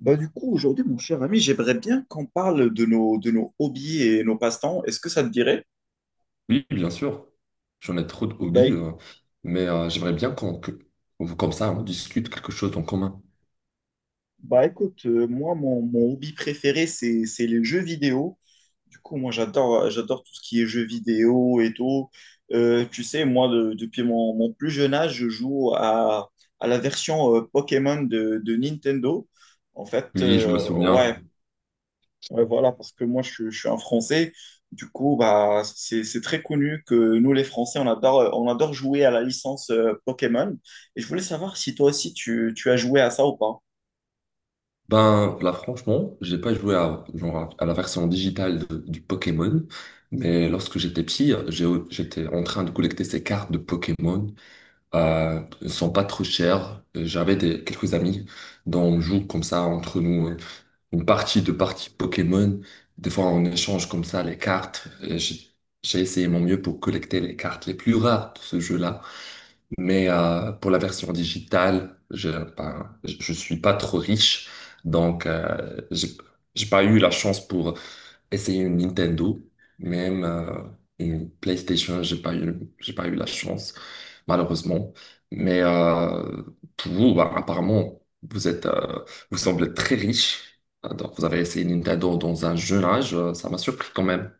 Bah du coup, aujourd'hui, mon cher ami, j'aimerais bien qu'on parle de nos hobbies et nos passe-temps. Est-ce que ça te dirait? Oui, bien sûr. J'en ai trop de Bah, hobbies, éc- j'aimerais bien comme ça, on discute quelque chose en commun. bah écoute, moi, mon hobby préféré, c'est les jeux vidéo. Du coup, moi, j'adore tout ce qui est jeux vidéo et tout. Tu sais, moi, depuis mon plus jeune âge, je joue à la version Pokémon de Nintendo. En fait, Oui, je me souviens. ouais, Ouais, voilà, parce que moi, je suis un Français. Du coup, bah, c'est très connu que nous, les Français, on adore jouer à la licence Pokémon. Et je voulais savoir si toi aussi, tu as joué à ça ou pas. Ben là, franchement, j'ai pas joué à, genre, à la version digitale du Pokémon, mais lorsque j'étais petit, j'étais en train de collecter ces cartes de Pokémon. Elles sont pas trop chères. J'avais des, quelques amis dont on joue comme ça entre nous, hein, une partie Pokémon. Des fois, on échange comme ça les cartes. Et j'ai essayé mon mieux pour collecter les cartes les plus rares de ce jeu-là. Mais pour la version digitale, ben, je suis pas trop riche. Donc, j'ai pas eu la chance pour essayer une Nintendo, même une PlayStation, j'ai pas eu la chance, malheureusement. Mais pour vous, bah, apparemment, vous semblez très riche. Ah! Donc, vous avez essayé Nintendo dans un jeune âge, ça m'a surpris quand même.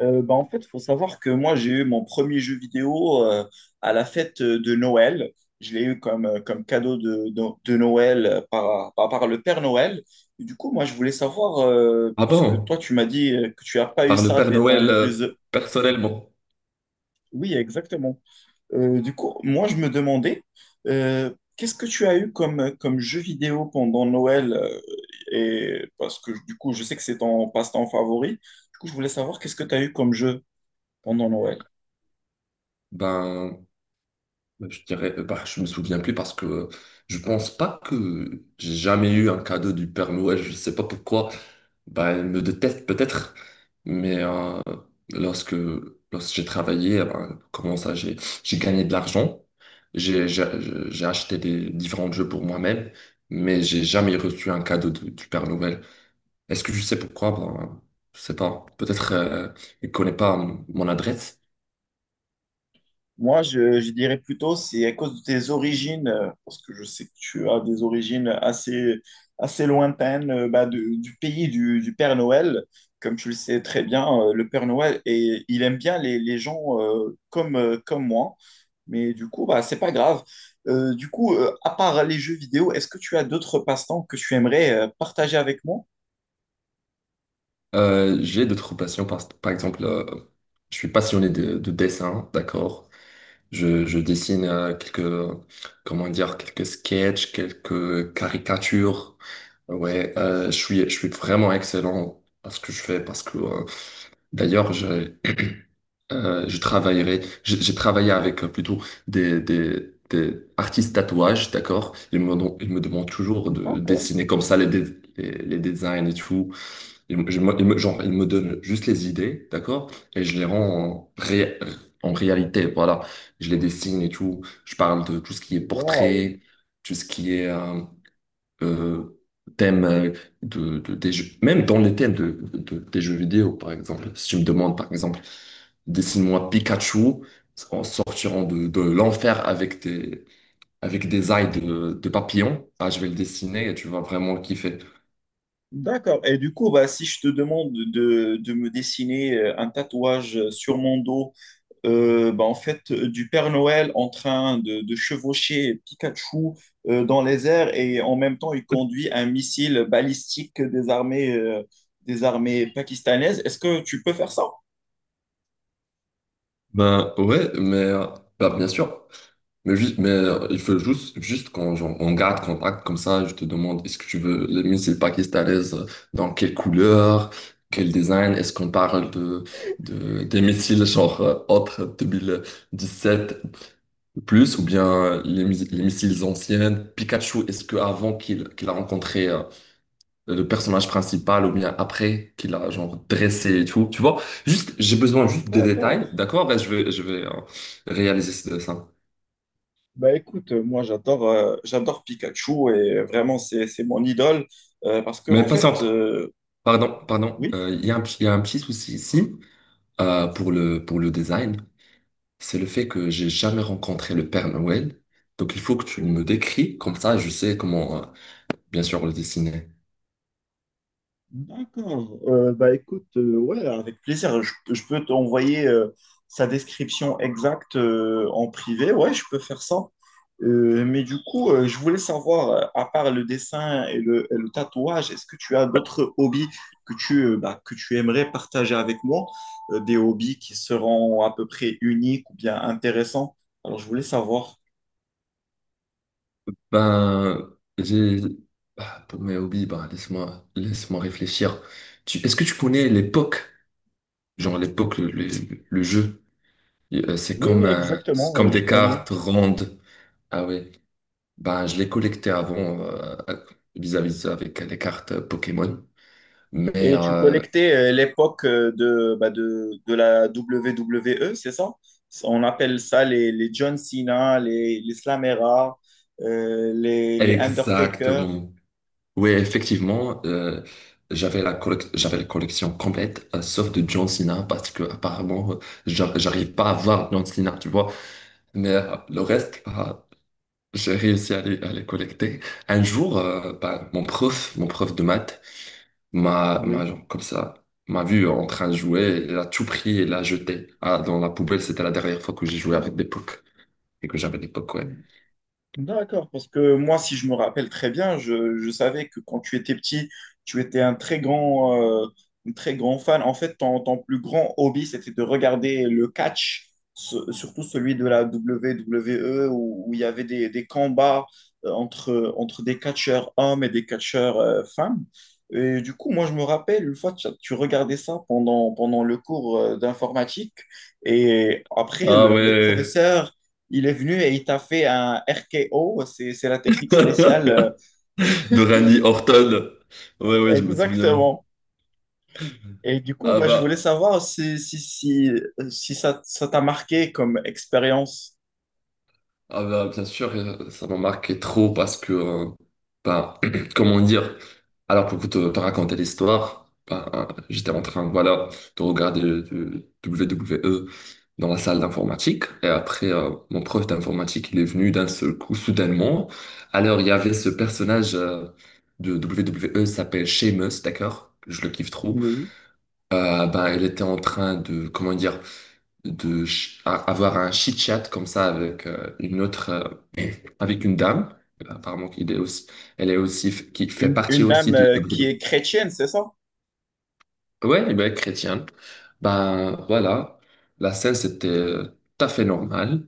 En fait, il faut savoir que moi, j'ai eu mon premier jeu vidéo à la fête de Noël. Je l'ai eu comme, comme cadeau de Noël par le Père Noël. Et du coup, moi, je voulais savoir, Ah puisque toi, bon? tu m'as dit que tu n'as pas eu Par le ça Père des Noël, temps plus... personnellement? Oui, exactement. Du coup, moi, je me demandais, qu'est-ce que tu as eu comme jeu vidéo pendant Noël? Et parce que du coup, je sais que c'est ton passe-temps favori. Du coup, je voulais savoir qu'est-ce que tu as eu comme jeu pendant Noël. Ben, je dirais, bah, je me souviens plus parce que je pense pas que j'ai jamais eu un cadeau du Père Noël, je sais pas pourquoi. Bah, elle me déteste peut-être, mais lorsque, lorsque j'ai travaillé, eh ben, comment ça, j'ai gagné de l'argent, j'ai, j'ai, j'ai acheté des différents jeux pour moi-même, mais j'ai jamais reçu un cadeau du Père Noël. Est-ce que je sais pourquoi? Ben, je sais pas. Peut-être il connaît pas mon adresse. Moi, je dirais plutôt, c'est à cause de tes origines, parce que je sais que tu as des origines assez, assez lointaines, du pays du Père Noël. Comme tu le sais très bien, le Père Noël, et il aime bien les gens comme moi. Mais du coup, bah, c'est pas grave. Du coup, à part les jeux vidéo, est-ce que tu as d'autres passe-temps que tu aimerais partager avec moi? J'ai d'autres passions, par exemple, je suis passionné de dessin, d'accord? Je dessine comment dire, quelques sketchs, quelques caricatures. Ouais, je suis vraiment excellent à ce que je fais parce que, d'ailleurs, je travaillerai, j'ai travaillé avec plutôt des artistes tatouages, d'accord? Ils me demandent toujours de D'accord. dessiner comme ça les designs et tout. Ils me- je- moi, ils me- Genre, ils me donnent juste les idées, d'accord? Et je les rends en réalité, voilà. Je les dessine et tout. Je parle de tout ce qui est Wow. portrait, tout ce qui est euh, thème des jeux. Même dans les thèmes des jeux vidéo, par exemple. Si tu me demandes, par exemple, dessine-moi Pikachu en sortirant de l'enfer avec avec des ailes de papillon, ah, je vais le dessiner et tu vas vraiment le kiffer. D'accord. Et du coup, bah, si je te demande de me dessiner un tatouage sur mon dos, du Père Noël en train de chevaucher Pikachu dans les airs et en même temps, il conduit un missile balistique des armées pakistanaises, est-ce que tu peux faire ça? Ben ouais, mais bah, bien sûr. Mais, juste, mais il faut juste, juste qu'on, genre, on garde contact comme ça. Je te demande, est-ce que tu veux les missiles pakistanaises, dans quelle couleur, quel design? Est-ce qu'on parle des missiles genre, autres sept plus ou bien les missiles anciennes? Pikachu, est-ce que avant qu'il a rencontré le personnage principal ou bien après qu'il a genre dressé et tout, tu vois. Juste, j'ai besoin juste des D'accord. détails, d'accord? Ben, je vais réaliser ça. Bah écoute, moi j'adore Pikachu et vraiment c'est mon idole, parce que en Mais fait patiente, pardon, pardon. oui. Il y a il y a un petit souci ici pour pour le design. C'est le fait que j'ai jamais rencontré le Père Noël. Donc il faut que tu me décris, comme ça je sais comment, bien sûr, le dessiner. D'accord. Bah écoute, ouais, avec plaisir. Je peux t'envoyer sa description exacte en privé. Ouais, je peux faire ça. Mais du coup, je voulais savoir, à part le dessin et le tatouage, est-ce que tu as d'autres hobbies que tu, que tu aimerais partager avec moi? Des hobbies qui seront à peu près uniques ou bien intéressants? Alors, je voulais savoir. Ben, j'ai... bah, pour mes hobbies, bah, laisse-moi réfléchir. Tu... Est-ce que tu connais l'époque? Genre à l'époque, le jeu, et, Oui, oui, c'est exactement, comme je des connais. cartes rondes. Ah ouais. Ben, je les collectais avant vis-à-vis de ça avec les cartes Pokémon. Mais Et tu collectais l'époque de la WWE, c'est ça? On appelle ça les John Cena, les Slamera, les Undertaker. exactement. Oui, effectivement, j'avais la collection complète, sauf de John Cena, parce que apparemment, j'arrive pas à voir John Cena, tu vois. Mais le reste, bah, j'ai réussi à à les collecter. Un jour, bah, mon prof de maths Oui. genre, comme ça, m'a vu en train de jouer, il a tout pris et l'a jeté, ah, dans la poubelle. C'était la dernière fois que j'ai joué avec des pocs et que j'avais des pocs, ouais. D'accord, parce que moi, si je me rappelle très bien, je savais que quand tu étais petit, tu étais un très grand fan. En fait, ton plus grand hobby, c'était de regarder le catch, surtout celui de la WWE, où il y avait des combats entre des catcheurs hommes et des catcheurs femmes. Et du coup, moi, je me rappelle, une fois, tu regardais ça pendant le cours d'informatique, et après, le professeur il est venu et il t'a fait un RKO, c'est la technique spéciale. De Randy Orton. Ouais, ouais, je me souviens. Exactement. Et du coup, Ah bah, je voulais bah. savoir si ça, ça t'a marqué comme expérience. Ah bah, bien sûr, ça m'a marqué trop parce que, ben, comment dire, alors pour te, te raconter l'histoire, ben, j'étais en train, voilà, de regarder le WWE dans la salle d'informatique. Et après, mon prof d'informatique, il est venu d'un seul coup, soudainement. Alors, il y avait ce personnage, de WWE, il s'appelle Sheamus, d'accord? Je le kiffe trop. Oui. Ben, il était en train de, comment dire, avoir un chit-chat comme ça avec, euh, avec une dame, apparemment qui est aussi, elle est aussi, qui fait partie Une aussi dame de qui Bruno. est chrétienne, c'est ça? Ouais, ben, chrétienne. Ben voilà, la scène c'était tout à fait normal,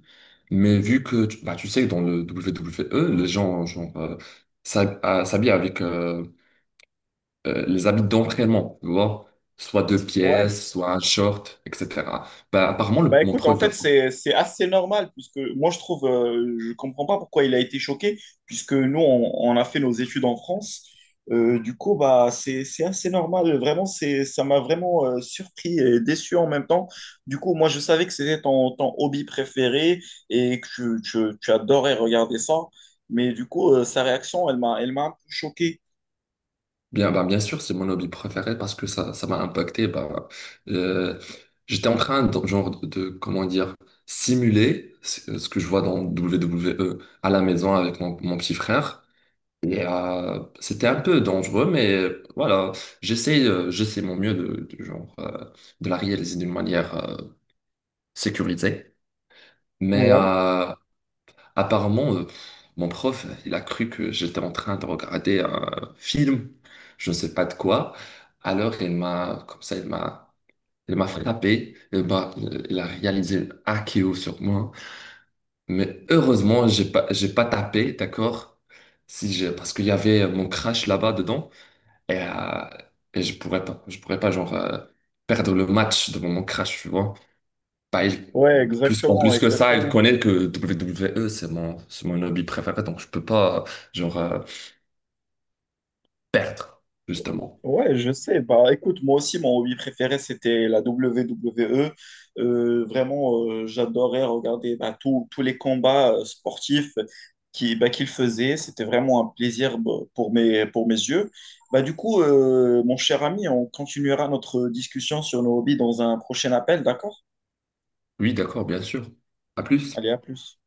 mais vu que, bah, tu sais, que dans le WWE, les gens, genre, s'habillent avec les habits d'entraînement, tu vois, soit deux Ouais. pièces, soit un short, etc. Bah, apparemment, Bah mon écoute, en prof... fait, c'est assez normal, puisque moi, je trouve, je comprends pas pourquoi il a été choqué, puisque nous, on a fait nos études en France. Du coup, bah, c'est assez normal. Vraiment, ça m'a vraiment surpris et déçu en même temps. Du coup, moi, je savais que c'était ton hobby préféré et que tu adorais regarder ça. Mais du coup, sa réaction, elle m'a un peu choqué. Bien, ben, bien sûr, c'est mon hobby préféré parce que ça m'a impacté. Ben, euh, j'étais en train de, comment dire, simuler ce, ce que je vois dans WWE à la maison avec mon petit frère. Et c'était un peu dangereux, mais j'essaie mon mieux de, genre, de la réaliser d'une manière sécurisée. Mais Ouais, euh, Apparemment, mon prof, il a cru que j'étais en train de regarder un film, je ne sais pas de quoi. Alors, il m'a frappé. Il a réalisé un KO sur moi. Mais heureusement, j'ai pas tapé, d'accord? Si j'ai, parce qu'il y avait mon crash là-bas dedans et, je pourrais pas, je pourrais pas, genre, perdre le match devant mon crash, tu vois. Bah, il- ouais, En exactement, plus que ça, elle exactement. connaît que WWE, c'est mon hobby préféré, donc je peux pas, genre, perdre, justement. Ouais, je sais. Bah, écoute, moi aussi, mon hobby préféré, c'était la WWE. Vraiment, j'adorais regarder bah, tous les combats sportifs qui, bah, qu'il faisait. C'était vraiment un plaisir bah, pour mes yeux. Bah, du coup, mon cher ami, on continuera notre discussion sur nos hobbies dans un prochain appel, d'accord? Oui, d'accord, bien sûr. À plus. Allez, à plus.